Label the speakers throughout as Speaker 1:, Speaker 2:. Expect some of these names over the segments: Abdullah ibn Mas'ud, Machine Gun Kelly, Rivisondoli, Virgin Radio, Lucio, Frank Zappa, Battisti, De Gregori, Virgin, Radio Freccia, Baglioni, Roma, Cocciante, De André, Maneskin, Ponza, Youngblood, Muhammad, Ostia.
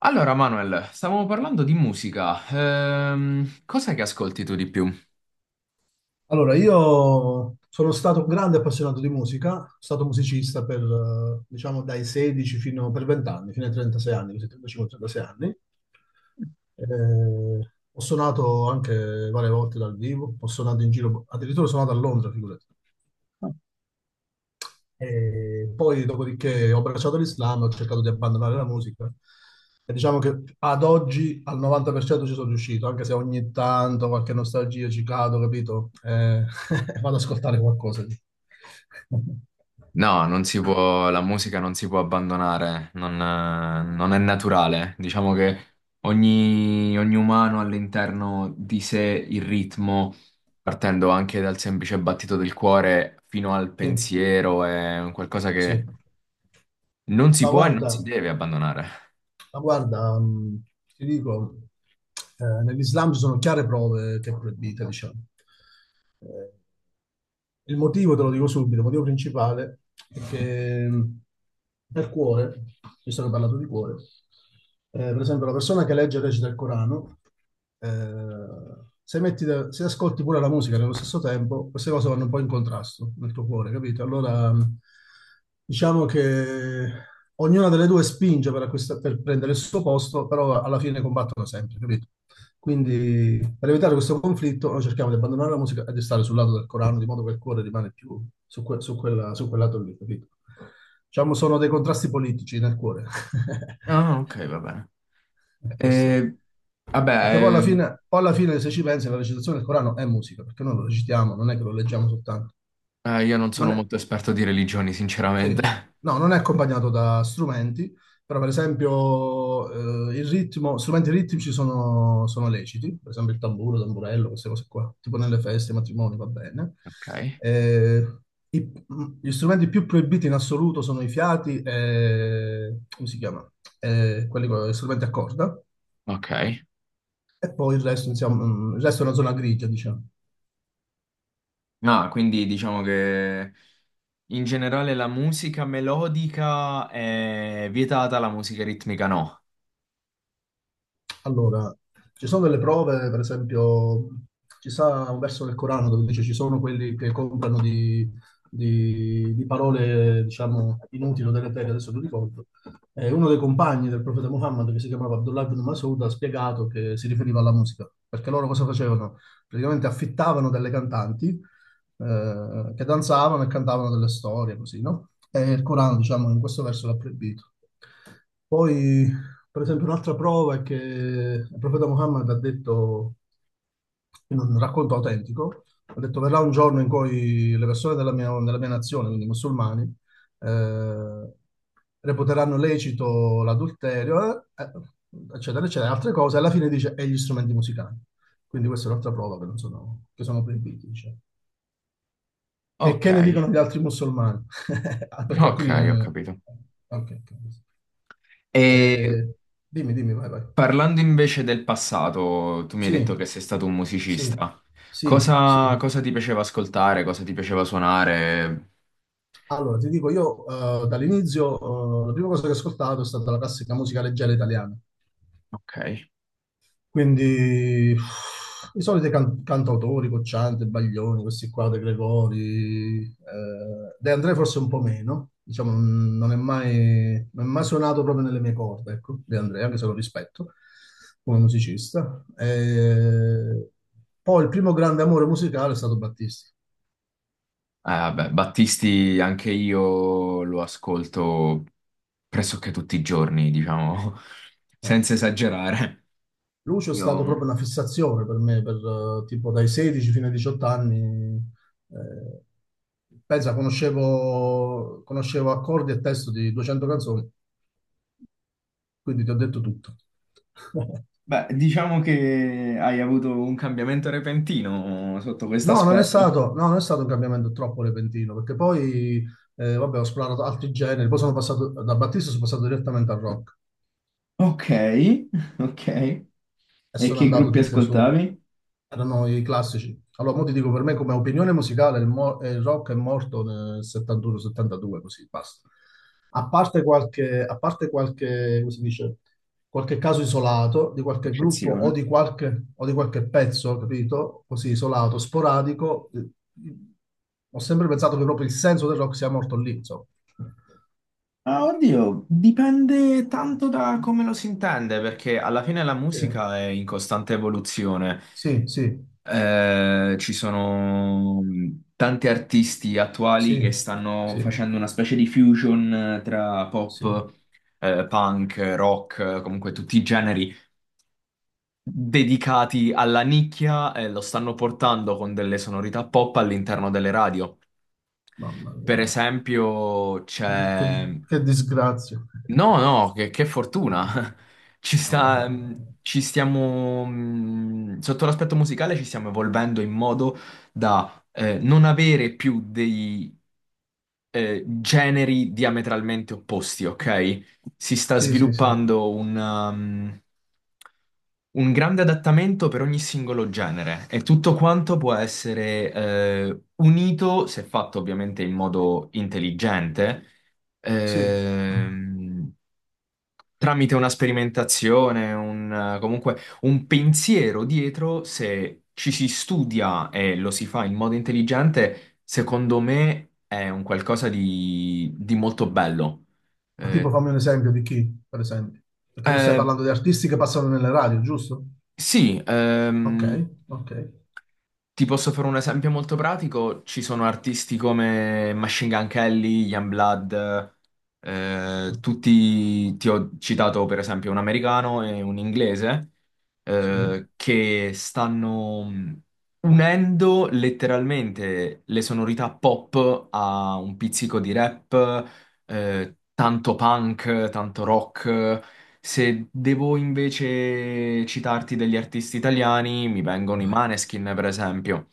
Speaker 1: Allora, Manuel, stavamo parlando di musica. Cos'è che ascolti tu di più?
Speaker 2: Allora, io sono stato un grande appassionato di musica, sono stato musicista per, diciamo, dai 16 fino per 20 anni, fino ai 36 anni, così 35-36 anni. Ho suonato anche varie volte dal vivo, ho suonato in giro, addirittura ho suonato a Londra, figurati. E poi, dopodiché, ho abbracciato l'Islam, ho cercato di abbandonare la musica. E diciamo che ad oggi al 90% ci sono riuscito, anche se ogni tanto qualche nostalgia ci cado, capito? Vado ad ascoltare qualcosa.
Speaker 1: No, non si può, la musica non si può abbandonare, non, non è naturale. Diciamo che ogni umano ha all'interno di sé il ritmo, partendo anche dal semplice battito del cuore fino al
Speaker 2: Sì,
Speaker 1: pensiero, è un qualcosa
Speaker 2: sì.
Speaker 1: che non si
Speaker 2: Ma
Speaker 1: può e non si
Speaker 2: guarda,
Speaker 1: deve abbandonare.
Speaker 2: ma guarda, ti dico, nell'Islam ci sono chiare prove che è proibita, diciamo. Eh, Il motivo, te lo dico subito, il motivo principale è che nel cuore, visto che ho parlato di cuore, per esempio la persona che legge e recita il Corano, eh, se, metti da- se ascolti pure la musica nello stesso tempo, queste cose vanno un po' in contrasto nel tuo cuore, capito? Allora, diciamo che ognuna delle due spinge per prendere il suo posto, però alla fine combattono sempre, capito? Quindi, per evitare questo conflitto, noi cerchiamo di abbandonare la musica e di stare sul lato del Corano, di modo che il cuore rimane più su quel lato lì, capito? Diciamo, sono dei contrasti politici nel cuore.
Speaker 1: Ah, ok, va bene.
Speaker 2: Questo è.
Speaker 1: Eh,
Speaker 2: Perché
Speaker 1: vabbè,
Speaker 2: poi alla fine, poi alla fine, se ci pensi, la recitazione del Corano è musica, perché noi lo recitiamo, non è che lo leggiamo soltanto.
Speaker 1: io non sono
Speaker 2: Non è-
Speaker 1: molto esperto di religioni,
Speaker 2: Sì,
Speaker 1: sinceramente.
Speaker 2: no, non è accompagnato da strumenti, però per esempio il ritmo, strumenti ritmici sono leciti, per esempio il tamburo, il tamburello, queste cose qua, tipo nelle feste, ai matrimoni, va bene.
Speaker 1: Ok,
Speaker 2: Eh, i- Gli strumenti più proibiti in assoluto sono i fiati e, come si chiama? Quelli con gli strumenti a corda,
Speaker 1: ok.
Speaker 2: e poi il resto, insomma, il resto è una zona grigia, diciamo.
Speaker 1: No, quindi diciamo che in generale la musica melodica è vietata, la musica ritmica no.
Speaker 2: Allora, ci sono delle prove, per esempio, ci sta un verso del Corano dove dice ci sono quelli che comprano di parole, diciamo, inutili o deleterie, adesso non ricordo. E uno dei compagni del profeta Muhammad, che si chiamava Abdullah ibn Mas'ud, ha spiegato che si riferiva alla musica, perché loro cosa facevano? Praticamente affittavano delle cantanti che danzavano e cantavano delle storie, così, no? E il Corano, diciamo, in questo verso l'ha proibito. Poi per esempio, un'altra prova è che il profeta Muhammad ha detto, in un racconto autentico, ha detto verrà un giorno in cui le persone della mia nazione, quindi i musulmani, eh, reputeranno lecito l'adulterio, eccetera, eccetera, altre cose, alla fine dice e gli strumenti musicali. Quindi questa è un'altra prova che, non sono, che sono proibiti, diciamo. Che,
Speaker 1: Ok,
Speaker 2: che ne dicono gli altri musulmani? Ah, perché alcuni...
Speaker 1: ok, ho capito.
Speaker 2: ok, ok.
Speaker 1: E
Speaker 2: Eh, Dimmi, dimmi, vai, vai.
Speaker 1: parlando invece del passato, tu mi hai
Speaker 2: Sì,
Speaker 1: detto che sei stato un
Speaker 2: sì,
Speaker 1: musicista.
Speaker 2: sì, sì.
Speaker 1: Cosa, cosa ti piaceva ascoltare? Cosa ti piaceva suonare?
Speaker 2: Allora, ti dico, io dall'inizio la prima cosa che ho ascoltato è stata la classica musica leggera italiana,
Speaker 1: Ok.
Speaker 2: quindi uff, i soliti cantautori, Cocciante, Baglioni, questi qua, De Gregori, De André forse un po' meno, diciamo, non è mai suonato proprio nelle mie corde, ecco, De André, anche se lo rispetto come musicista. Poi il primo grande amore musicale è stato Battisti.
Speaker 1: Vabbè, Battisti anche io lo ascolto pressoché tutti i giorni, diciamo,
Speaker 2: Eh.
Speaker 1: senza esagerare.
Speaker 2: Lucio è
Speaker 1: Io,
Speaker 2: stato proprio una fissazione per me, per, tipo dai 16 fino ai 18 anni. eh, Pensa, conoscevo accordi e testo di 200 canzoni, quindi ti ho detto tutto.
Speaker 1: beh, diciamo che hai avuto un cambiamento repentino sotto questo
Speaker 2: No, non è
Speaker 1: aspetto.
Speaker 2: stato, no, non è stato un cambiamento troppo repentino, perché poi, vabbè, ho esplorato altri generi, poi sono passato da Battista, sono passato direttamente al rock.
Speaker 1: Ok, ok.
Speaker 2: E
Speaker 1: E
Speaker 2: sono
Speaker 1: che
Speaker 2: andato
Speaker 1: gruppi
Speaker 2: tipo su,
Speaker 1: ascoltavi?
Speaker 2: erano i classici. Allora, mo ti dico, per me come opinione musicale il rock è morto nel 71-72, così, basta. A parte qualche, come si dice, qualche caso isolato di qualche gruppo o di
Speaker 1: Eccezione.
Speaker 2: qualche, o di qualche pezzo, capito? Così isolato, sporadico, ho sempre pensato che proprio il senso del rock sia morto lì, insomma.
Speaker 1: Ah, oddio, dipende tanto da come lo si intende, perché alla fine la musica è in costante evoluzione.
Speaker 2: Sì, sì, sì,
Speaker 1: Ci sono tanti artisti attuali
Speaker 2: sì,
Speaker 1: che stanno
Speaker 2: sì,
Speaker 1: facendo una specie di fusion tra
Speaker 2: sì.
Speaker 1: pop, punk, rock, comunque tutti i generi dedicati alla nicchia e lo stanno portando con delle sonorità pop all'interno delle radio.
Speaker 2: Mamma
Speaker 1: Per
Speaker 2: mia.
Speaker 1: esempio,
Speaker 2: Che, che-
Speaker 1: c'è
Speaker 2: che disgrazia.
Speaker 1: no, no, che fortuna. Ci sta,
Speaker 2: Eh,
Speaker 1: ci stiamo, sotto l'aspetto musicale ci stiamo evolvendo in modo da non avere più dei generi diametralmente opposti, ok? Si sta
Speaker 2: sì, sì, sì.
Speaker 1: sviluppando un, un grande adattamento per ogni singolo genere e tutto quanto può essere unito, se fatto ovviamente in modo intelligente,
Speaker 2: Sì,
Speaker 1: ehm, tramite una sperimentazione, un, comunque un pensiero dietro, se ci si studia e lo si fa in modo intelligente, secondo me è un qualcosa di molto bello.
Speaker 2: ma tipo
Speaker 1: Eh,
Speaker 2: fammi un esempio di chi, per esempio. Perché tu stai
Speaker 1: eh,
Speaker 2: parlando di artisti che passano nelle radio, giusto?
Speaker 1: sì,
Speaker 2: Ok, ok.
Speaker 1: ti posso fare un esempio molto pratico? Ci sono artisti come Machine Gun Kelly, Youngblood, tutti, ti ho citato per esempio un americano e un inglese,
Speaker 2: Sì.
Speaker 1: che stanno unendo letteralmente le sonorità pop a un pizzico di rap, tanto punk, tanto rock. Se devo invece citarti degli artisti italiani, mi vengono i Maneskin, per esempio,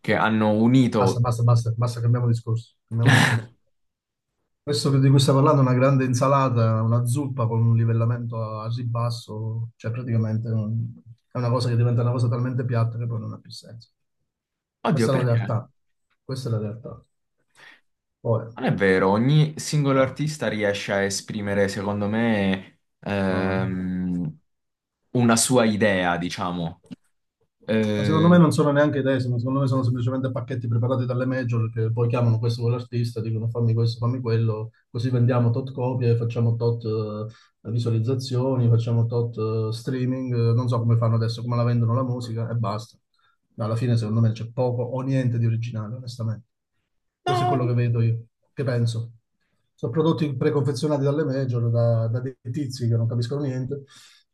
Speaker 1: che hanno
Speaker 2: Basta,
Speaker 1: unito...
Speaker 2: basta, basta, basta, cambiamo discorso. Cambiamo discorso. Questo di cui stai parlando è una grande insalata, una zuppa con un livellamento a ribasso, cioè praticamente è una cosa che diventa una cosa talmente piatta che poi non ha più senso.
Speaker 1: Oddio,
Speaker 2: Questa è la
Speaker 1: perché? Non
Speaker 2: realtà. Questa è la realtà. Poi,
Speaker 1: è vero, ogni singolo
Speaker 2: eh,
Speaker 1: artista riesce a esprimere, secondo me,
Speaker 2: no, no.
Speaker 1: una sua idea, diciamo.
Speaker 2: Ma secondo me
Speaker 1: Eh,
Speaker 2: non sono neanche decima, secondo me sono semplicemente pacchetti preparati dalle major che poi chiamano questo quell'artista, dicono fammi questo, fammi quello, così vendiamo tot copie, facciamo tot visualizzazioni, facciamo tot streaming, non so come fanno adesso, come la vendono la musica e basta. Ma alla fine secondo me c'è poco o niente di originale, onestamente. Questo è quello che
Speaker 1: no,
Speaker 2: vedo io, che penso. Sono prodotti preconfezionati dalle major, da dei tizi che non capiscono niente.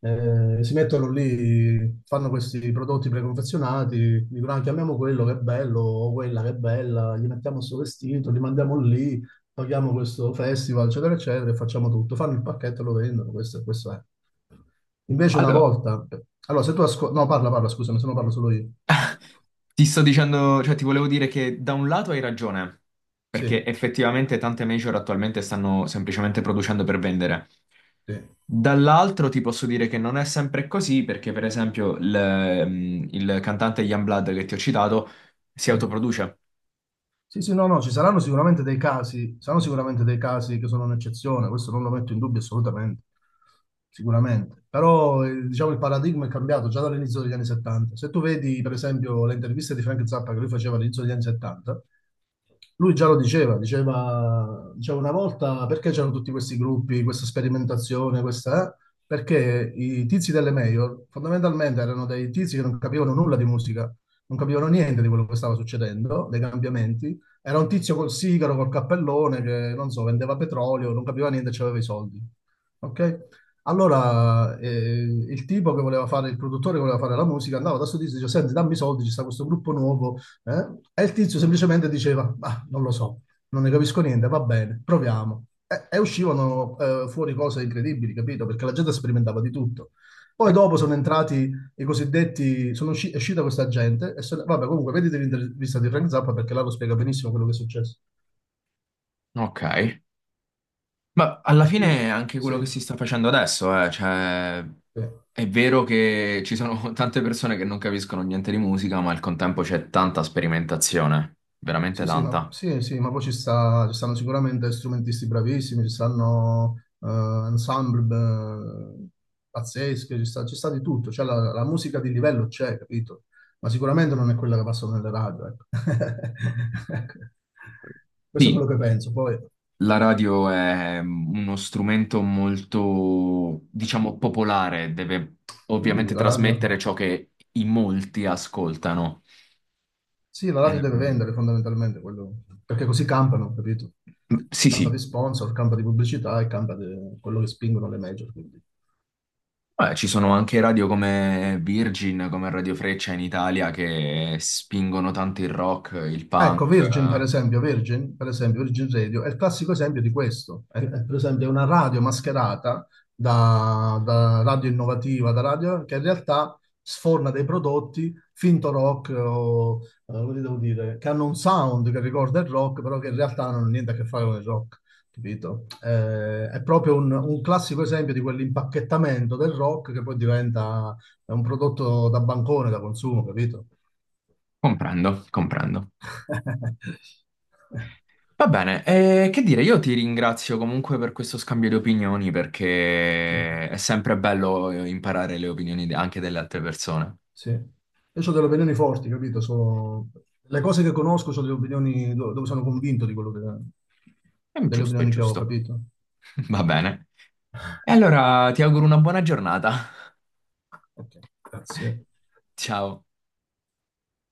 Speaker 2: Si mettono lì, fanno questi prodotti preconfezionati, dicono "Ah, chiamiamo quello che è bello o quella che è bella, gli mettiamo questo vestito, li mandiamo lì, paghiamo questo festival, eccetera, eccetera, e facciamo tutto. Fanno il pacchetto e lo vendono, questo, e questo è. Invece una
Speaker 1: allora,
Speaker 2: volta... Allora, se tu ascolti... No, parla, parla, scusami, se no parlo solo io.
Speaker 1: ti sto dicendo, cioè ti volevo dire che da un lato hai ragione,
Speaker 2: Sì,
Speaker 1: perché effettivamente tante major attualmente stanno semplicemente producendo per vendere.
Speaker 2: sì,
Speaker 1: Dall'altro ti posso dire che non è sempre così, perché per esempio il, mm, il cantante Youngblood che ti ho citato si
Speaker 2: sì.
Speaker 1: autoproduce.
Speaker 2: Sì, sì, no, no, ci saranno sicuramente dei casi, saranno sicuramente dei casi che sono un'eccezione, questo non lo metto in dubbio assolutamente, sicuramente. Però diciamo il paradigma è cambiato già dall'inizio degli anni 70. Se tu vedi per esempio le interviste di Frank Zappa che lui faceva all'inizio degli anni 70, lui già lo diceva, diceva una volta perché c'erano tutti questi gruppi, questa sperimentazione, questa, eh? Perché i tizi delle major fondamentalmente erano dei tizi che non capivano nulla di musica, non capivano niente di quello che stava succedendo, dei cambiamenti. Era un tizio col sigaro, col cappellone che, non so, vendeva petrolio, non capiva niente, aveva i soldi. Ok? Allora, il tipo che voleva fare, il produttore che voleva fare la musica, andava da sto tizio e diceva, senti, dammi i soldi, ci sta questo gruppo nuovo, eh? E il tizio semplicemente diceva, ma non lo so, non ne capisco niente, va bene, proviamo. E uscivano fuori cose incredibili, capito? Perché la gente sperimentava di tutto.
Speaker 1: Sì.
Speaker 2: Poi dopo sono entrati i cosiddetti, è uscita questa gente, e vabbè comunque vedete l'intervista di Frank Zappa perché là lo spiega benissimo quello che è successo.
Speaker 1: Ok. Ma alla
Speaker 2: E qui,
Speaker 1: fine è anche
Speaker 2: sì,
Speaker 1: quello che si sta facendo adesso, cioè...
Speaker 2: sì.
Speaker 1: È vero che ci sono tante persone che non capiscono niente di musica, ma al contempo c'è tanta sperimentazione, veramente tanta.
Speaker 2: Sì, sì, ma poi ci stanno sicuramente strumentisti bravissimi, ci stanno ensemble eh, pazzesche, ci sta di tutto, cioè la musica di livello c'è, capito? Ma sicuramente non è quella che passano nelle radio, ecco. Questo è
Speaker 1: Sì,
Speaker 2: quello che penso. Poi,
Speaker 1: la radio è uno strumento molto, diciamo, popolare, deve
Speaker 2: sì,
Speaker 1: ovviamente
Speaker 2: la radio,
Speaker 1: trasmettere ciò che in molti ascoltano.
Speaker 2: sì, la radio deve
Speaker 1: Ehm,
Speaker 2: vendere fondamentalmente, quello, perché così campano, capito?
Speaker 1: sì,
Speaker 2: Campa
Speaker 1: sì,
Speaker 2: di sponsor, campa di pubblicità e campa di quello che spingono le major, quindi.
Speaker 1: beh, ci sono anche radio come Virgin, come Radio Freccia in Italia che spingono tanto il rock, il
Speaker 2: Ah, ecco,
Speaker 1: punk.
Speaker 2: Virgin per
Speaker 1: Eh.
Speaker 2: esempio, Virgin, per esempio, Virgin Radio è il classico esempio di questo. È, per esempio, è una radio mascherata da radio innovativa, da radio che in realtà sforna dei prodotti finto rock, o, come devo dire, che hanno un sound che ricorda il rock, però che in realtà non hanno niente a che fare con il rock, capito? È proprio un classico esempio di quell'impacchettamento del rock che poi diventa un prodotto da bancone, da consumo, capito?
Speaker 1: Comprendo, comprendo. Va bene, che dire, io ti ringrazio comunque per questo scambio di opinioni
Speaker 2: Sì,
Speaker 1: perché è sempre bello imparare le opinioni de- anche delle altre persone.
Speaker 2: sì. Io ho delle opinioni forti, capito? Le cose che conosco sono le opinioni dove sono convinto di quello che...
Speaker 1: È
Speaker 2: delle
Speaker 1: giusto, è
Speaker 2: opinioni che ho,
Speaker 1: giusto.
Speaker 2: capito?
Speaker 1: Va bene. E allora ti auguro una buona giornata.
Speaker 2: Ok, grazie.
Speaker 1: Ciao.